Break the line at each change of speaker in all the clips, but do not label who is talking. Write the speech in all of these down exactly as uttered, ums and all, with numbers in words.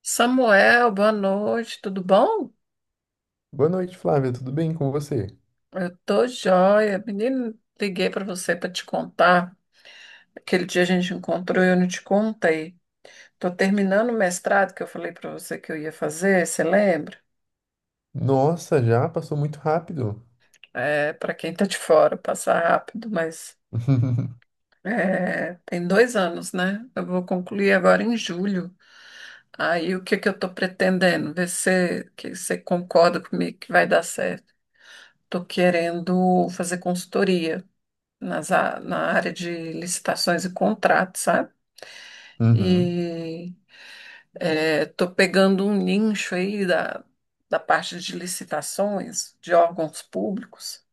Samuel, boa noite, tudo bom?
Boa noite, Flávia. Tudo bem com você?
Eu tô joia. Menino, liguei para você para te contar. Aquele dia a gente encontrou e eu não te contei. Tô terminando o mestrado que eu falei para você que eu ia fazer, você lembra?
Nossa, já passou muito rápido.
É, para quem tá de fora, passa rápido, mas é, tem dois anos, né? Eu vou concluir agora em julho. Aí o que que eu tô pretendendo? Ver se que você concorda comigo que vai dar certo. Tô querendo fazer consultoria nas, a- na área de licitações e contratos, sabe?
Uhum.
E estou pegando um nicho aí da, da parte de licitações de órgãos públicos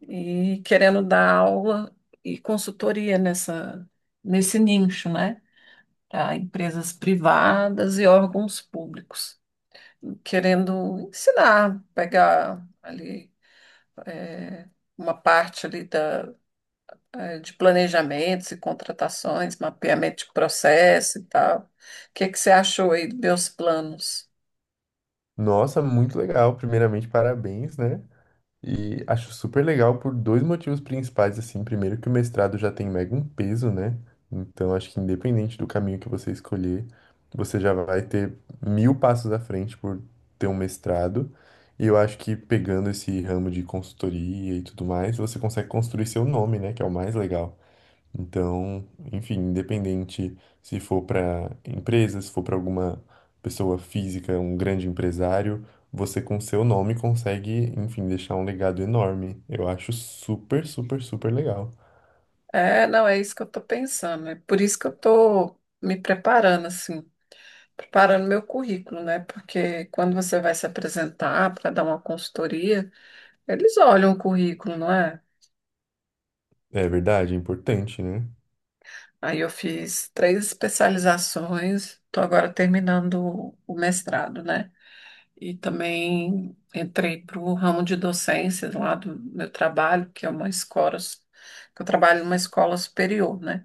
e querendo dar aula e consultoria nessa, nesse nicho, né? Para empresas privadas e órgãos públicos. Querendo ensinar, pegar ali é, uma parte ali eh, de planejamentos e contratações, mapeamento de processo e tal. O que que você achou aí dos meus planos?
Nossa, muito legal. Primeiramente, parabéns, né? E acho super legal por dois motivos principais, assim. Primeiro, que o mestrado já tem mega um peso, né? Então, acho que independente do caminho que você escolher, você já vai ter mil passos à frente por ter um mestrado. E eu acho que pegando esse ramo de consultoria e tudo mais, você consegue construir seu nome, né? Que é o mais legal. Então, enfim, independente se for para empresa, se for para alguma pessoa física, um grande empresário, você com seu nome consegue, enfim, deixar um legado enorme. Eu acho super, super, super legal.
É, não, é isso que eu estou pensando. É por isso que eu estou me preparando, assim, preparando meu currículo, né? Porque quando você vai se apresentar para dar uma consultoria, eles olham o currículo, não é?
É verdade, é importante, né?
Aí eu fiz três especializações, estou agora terminando o mestrado, né? E também entrei para o ramo de docência lá do meu trabalho, que é uma escola, que eu trabalho numa escola superior, né?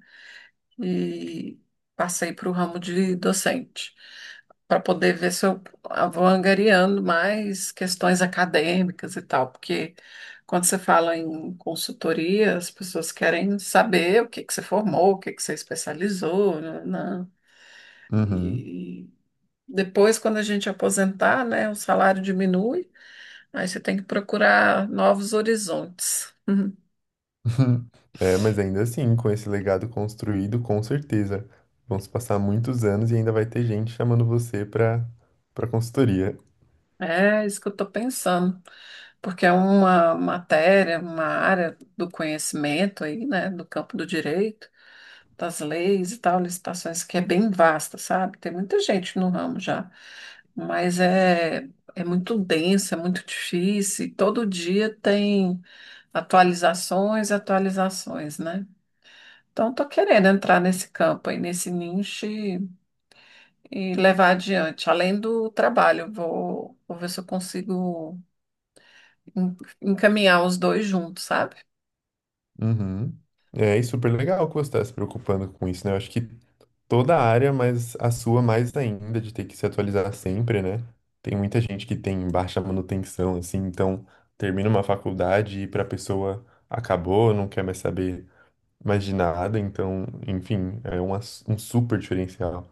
E passei para o ramo de docente, para poder ver se eu vou angariando mais questões acadêmicas e tal, porque quando você fala em consultoria, as pessoas querem saber o que que você formou, o que que você especializou, né? né?
Uhum.
E depois, quando a gente aposentar, né, o salário diminui. Aí você tem que procurar novos horizontes. Uhum.
É, mas ainda assim, com esse legado construído, com certeza vão se passar muitos anos e ainda vai ter gente chamando você para para consultoria.
É isso que eu estou pensando, porque é uma matéria, uma área do conhecimento aí, né, do campo do direito, das leis e tal, licitações, que é bem vasta, sabe? Tem muita gente no ramo já, mas é, é muito denso, é muito difícil, e todo dia tem atualizações e atualizações, né? Então, estou querendo entrar nesse campo aí, nesse nicho, e levar adiante, além do trabalho. Vou, vou ver se eu consigo en- encaminhar os dois juntos, sabe?
Uhum. É, e super legal que você está se preocupando com isso, né? Eu acho que toda a área, mas a sua mais ainda, de ter que se atualizar sempre, né? Tem muita gente que tem baixa manutenção, assim, então termina uma faculdade e para a pessoa acabou, não quer mais saber mais de nada, então, enfim, é um, ass- um super diferencial.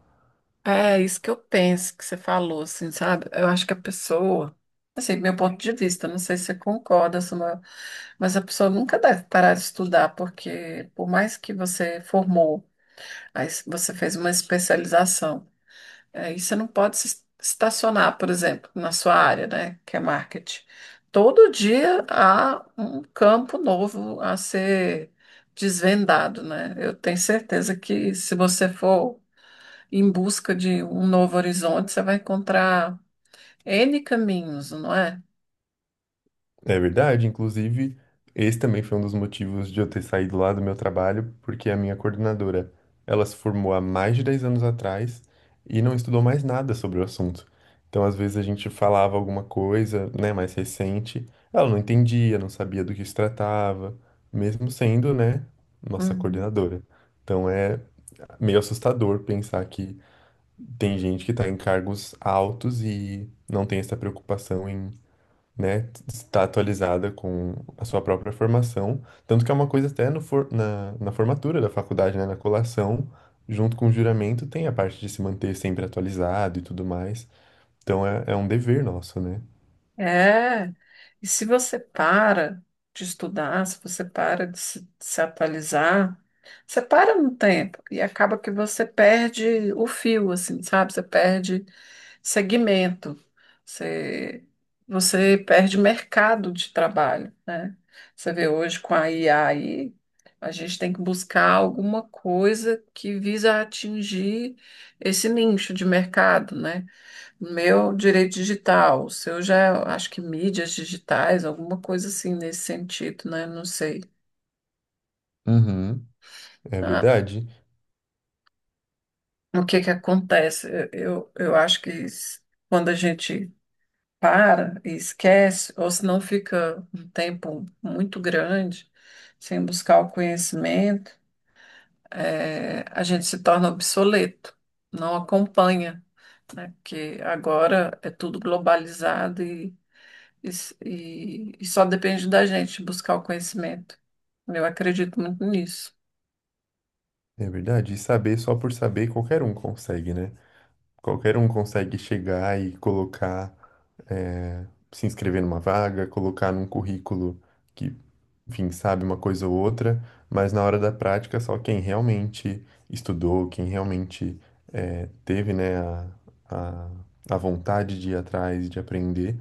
É isso que eu penso que você falou, assim, sabe? Eu acho que a pessoa, assim, meu ponto de vista, não sei se você concorda, Samuel, mas a pessoa nunca deve parar de estudar, porque por mais que você formou, aí você fez uma especialização. Aí você não pode se estacionar, por exemplo, na sua área, né, que é marketing. Todo dia há um campo novo a ser desvendado, né? Eu tenho certeza que se você for em busca de um novo horizonte, você vai encontrar N caminhos, não é?
É verdade, inclusive, esse também foi um dos motivos de eu ter saído lá do meu trabalho, porque a minha coordenadora, ela se formou há mais de dez anos atrás e não estudou mais nada sobre o assunto. Então, às vezes a gente falava alguma coisa, né, mais recente, ela não entendia, não sabia do que se tratava, mesmo sendo, né, nossa coordenadora. Então é meio assustador pensar que tem gente que está em cargos altos e não tem essa preocupação né, está atualizada com a sua própria formação, tanto que é uma coisa até no for- na, na formatura da faculdade, né, na colação, junto com o juramento, tem a parte de se manter sempre atualizado e tudo mais. Então é, é um dever nosso, né?
É, e se você para de estudar, se você para de se, de se atualizar, você para no tempo e acaba que você perde o fio, assim, sabe? Você perde segmento, você, você perde mercado de trabalho, né? Você vê hoje com a I A aí, a gente tem que buscar alguma coisa que visa atingir esse nicho de mercado, né? Meu direito digital, o seu já, é, acho que mídias digitais, alguma coisa assim nesse sentido, né? Não sei.
Uhum. É
Ah,
verdade,
o que que acontece? Eu, eu acho que s- quando a gente para e esquece, ou se não fica um tempo muito grande sem buscar o conhecimento, eh, a gente se torna obsoleto, não acompanha, né? Porque agora é tudo globalizado. E, s- e- e só depende da gente buscar o conhecimento. Eu acredito muito nisso.
é verdade. E saber só por saber qualquer um consegue, né? Qualquer um consegue chegar e colocar, eh, se inscrever numa vaga, colocar num currículo que, enfim, sabe uma coisa ou outra, mas na hora da prática, só quem realmente estudou, quem realmente eh, teve, né, a, a, a vontade de ir atrás, de aprender,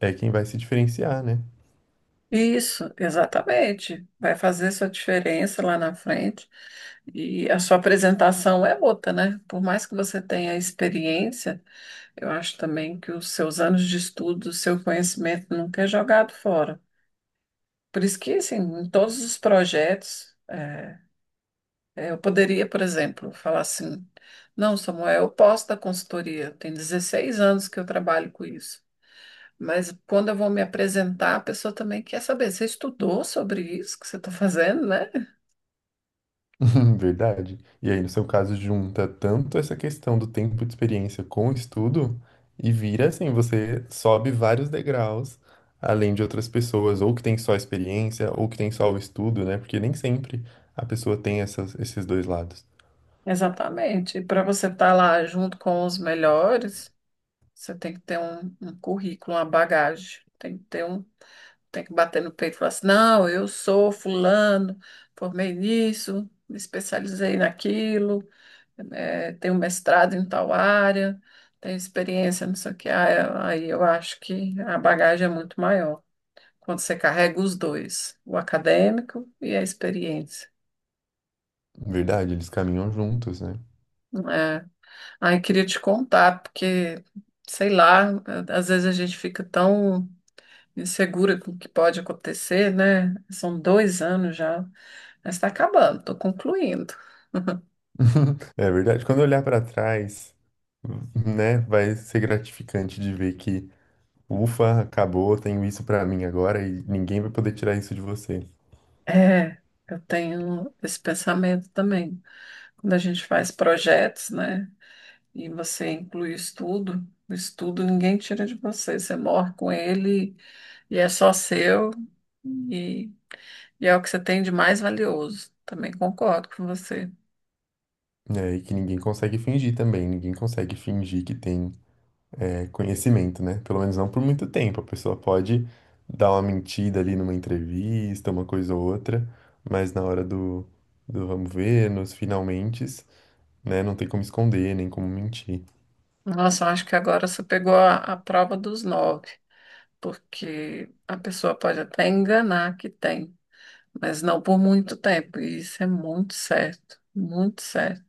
é quem vai se diferenciar, né?
Isso, exatamente. Vai fazer sua diferença lá na frente. E a sua apresentação é outra, né? Por mais que você tenha experiência, eu acho também que os seus anos de estudo, o seu conhecimento nunca é jogado fora. Por isso que, assim, em todos os projetos, é, É, Eu poderia, por exemplo, falar assim: não, Samuel, eu posso dar consultoria, tem dezesseis anos que eu trabalho com isso. Mas quando eu vou me apresentar, a pessoa também quer saber. Você estudou sobre isso que você está fazendo, né?
Verdade. E aí, no seu caso, junta tanto essa questão do tempo de experiência com o estudo e vira assim, você sobe vários degraus, além de outras pessoas, ou que tem só a experiência, ou que tem só o estudo, né? Porque nem sempre a pessoa tem essas, esses dois lados.
Exatamente. E para você estar lá junto com os melhores, você tem que ter um, um currículo, uma bagagem. Tem que ter um, tem que bater no peito e falar assim: não, eu sou fulano, formei nisso, me especializei naquilo. É, tem um mestrado em tal área, tem experiência, não sei o que. Ah, aí eu acho que a bagagem é muito maior quando você carrega os dois, o acadêmico e a experiência.
Verdade, eles caminham juntos, né?
É. Aí queria te contar, porque, sei lá, às vezes a gente fica tão insegura com o que pode acontecer, né? São dois anos já, mas está acabando, estou concluindo.
É verdade. Quando eu olhar para trás, né, vai ser gratificante de ver que, ufa, acabou, tenho isso para mim agora e ninguém vai poder tirar isso de você.
É, eu tenho esse pensamento também. Quando a gente faz projetos, né? E você inclui o estudo, o estudo ninguém tira de você. Você morre com ele e é só seu e, e é o que você tem de mais valioso. Também concordo com você.
É, e que ninguém consegue fingir também, ninguém consegue fingir que tem é, conhecimento, né? Pelo menos não por muito tempo. A pessoa pode dar uma mentida ali numa entrevista, uma coisa ou outra, mas na hora do, do vamos ver, nos finalmente, né? Não tem como esconder, nem como mentir.
Nossa, eu acho que agora você pegou a, a prova dos nove, porque a pessoa pode até enganar que tem, mas não por muito tempo. E isso é muito certo, muito certo.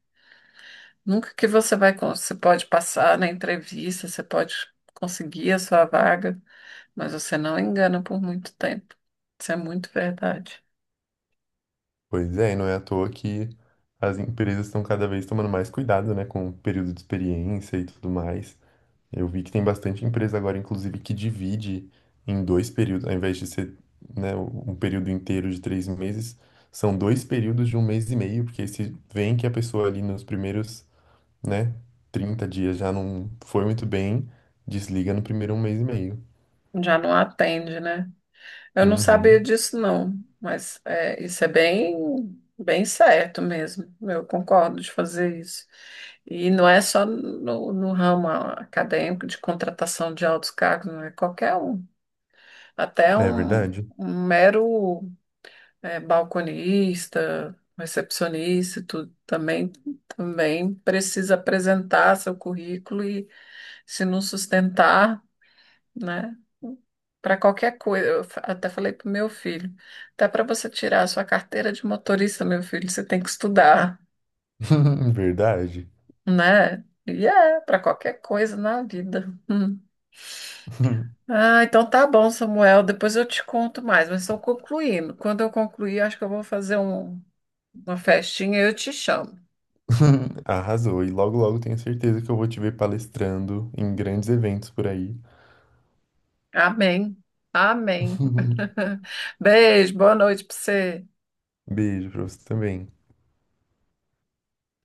Nunca que você vai, con- você pode passar na entrevista, você pode conseguir a sua vaga, mas você não engana por muito tempo. Isso é muito verdade.
Pois é, e não é à toa que as empresas estão cada vez tomando mais cuidado, né? Com o período de experiência e tudo mais. Eu vi que tem bastante empresa agora, inclusive, que divide em dois períodos, ao invés de ser, né, um período inteiro de três meses, são dois períodos de um mês e meio, porque se vem que a pessoa ali nos primeiros, né, trinta dias já não foi muito bem, desliga no primeiro um mês e meio.
Já não atende, né? Eu não sabia
Uhum.
disso, não, mas é, isso é bem, bem certo mesmo. Eu concordo de fazer isso. E não é só no, no ramo acadêmico de contratação de altos cargos, não é qualquer um. Até
É
um,
verdade.
um mero é, balconista, recepcionista, e tudo também, também precisa apresentar seu currículo e se não sustentar, né? Para qualquer coisa, eu fa- até falei para o meu filho, até para você tirar a sua carteira de motorista, meu filho, você tem que estudar,
Verdade.
né? E é, para qualquer coisa na vida. Hum. Ah, então tá bom, Samuel, depois eu te conto mais, mas estou concluindo. Quando eu concluir, acho que eu vou fazer um- uma festinha e eu te chamo.
Arrasou. E logo, logo tenho certeza que eu vou te ver palestrando em grandes eventos por aí.
Amém. Amém. Beijo, boa noite para você.
Beijo pra você também.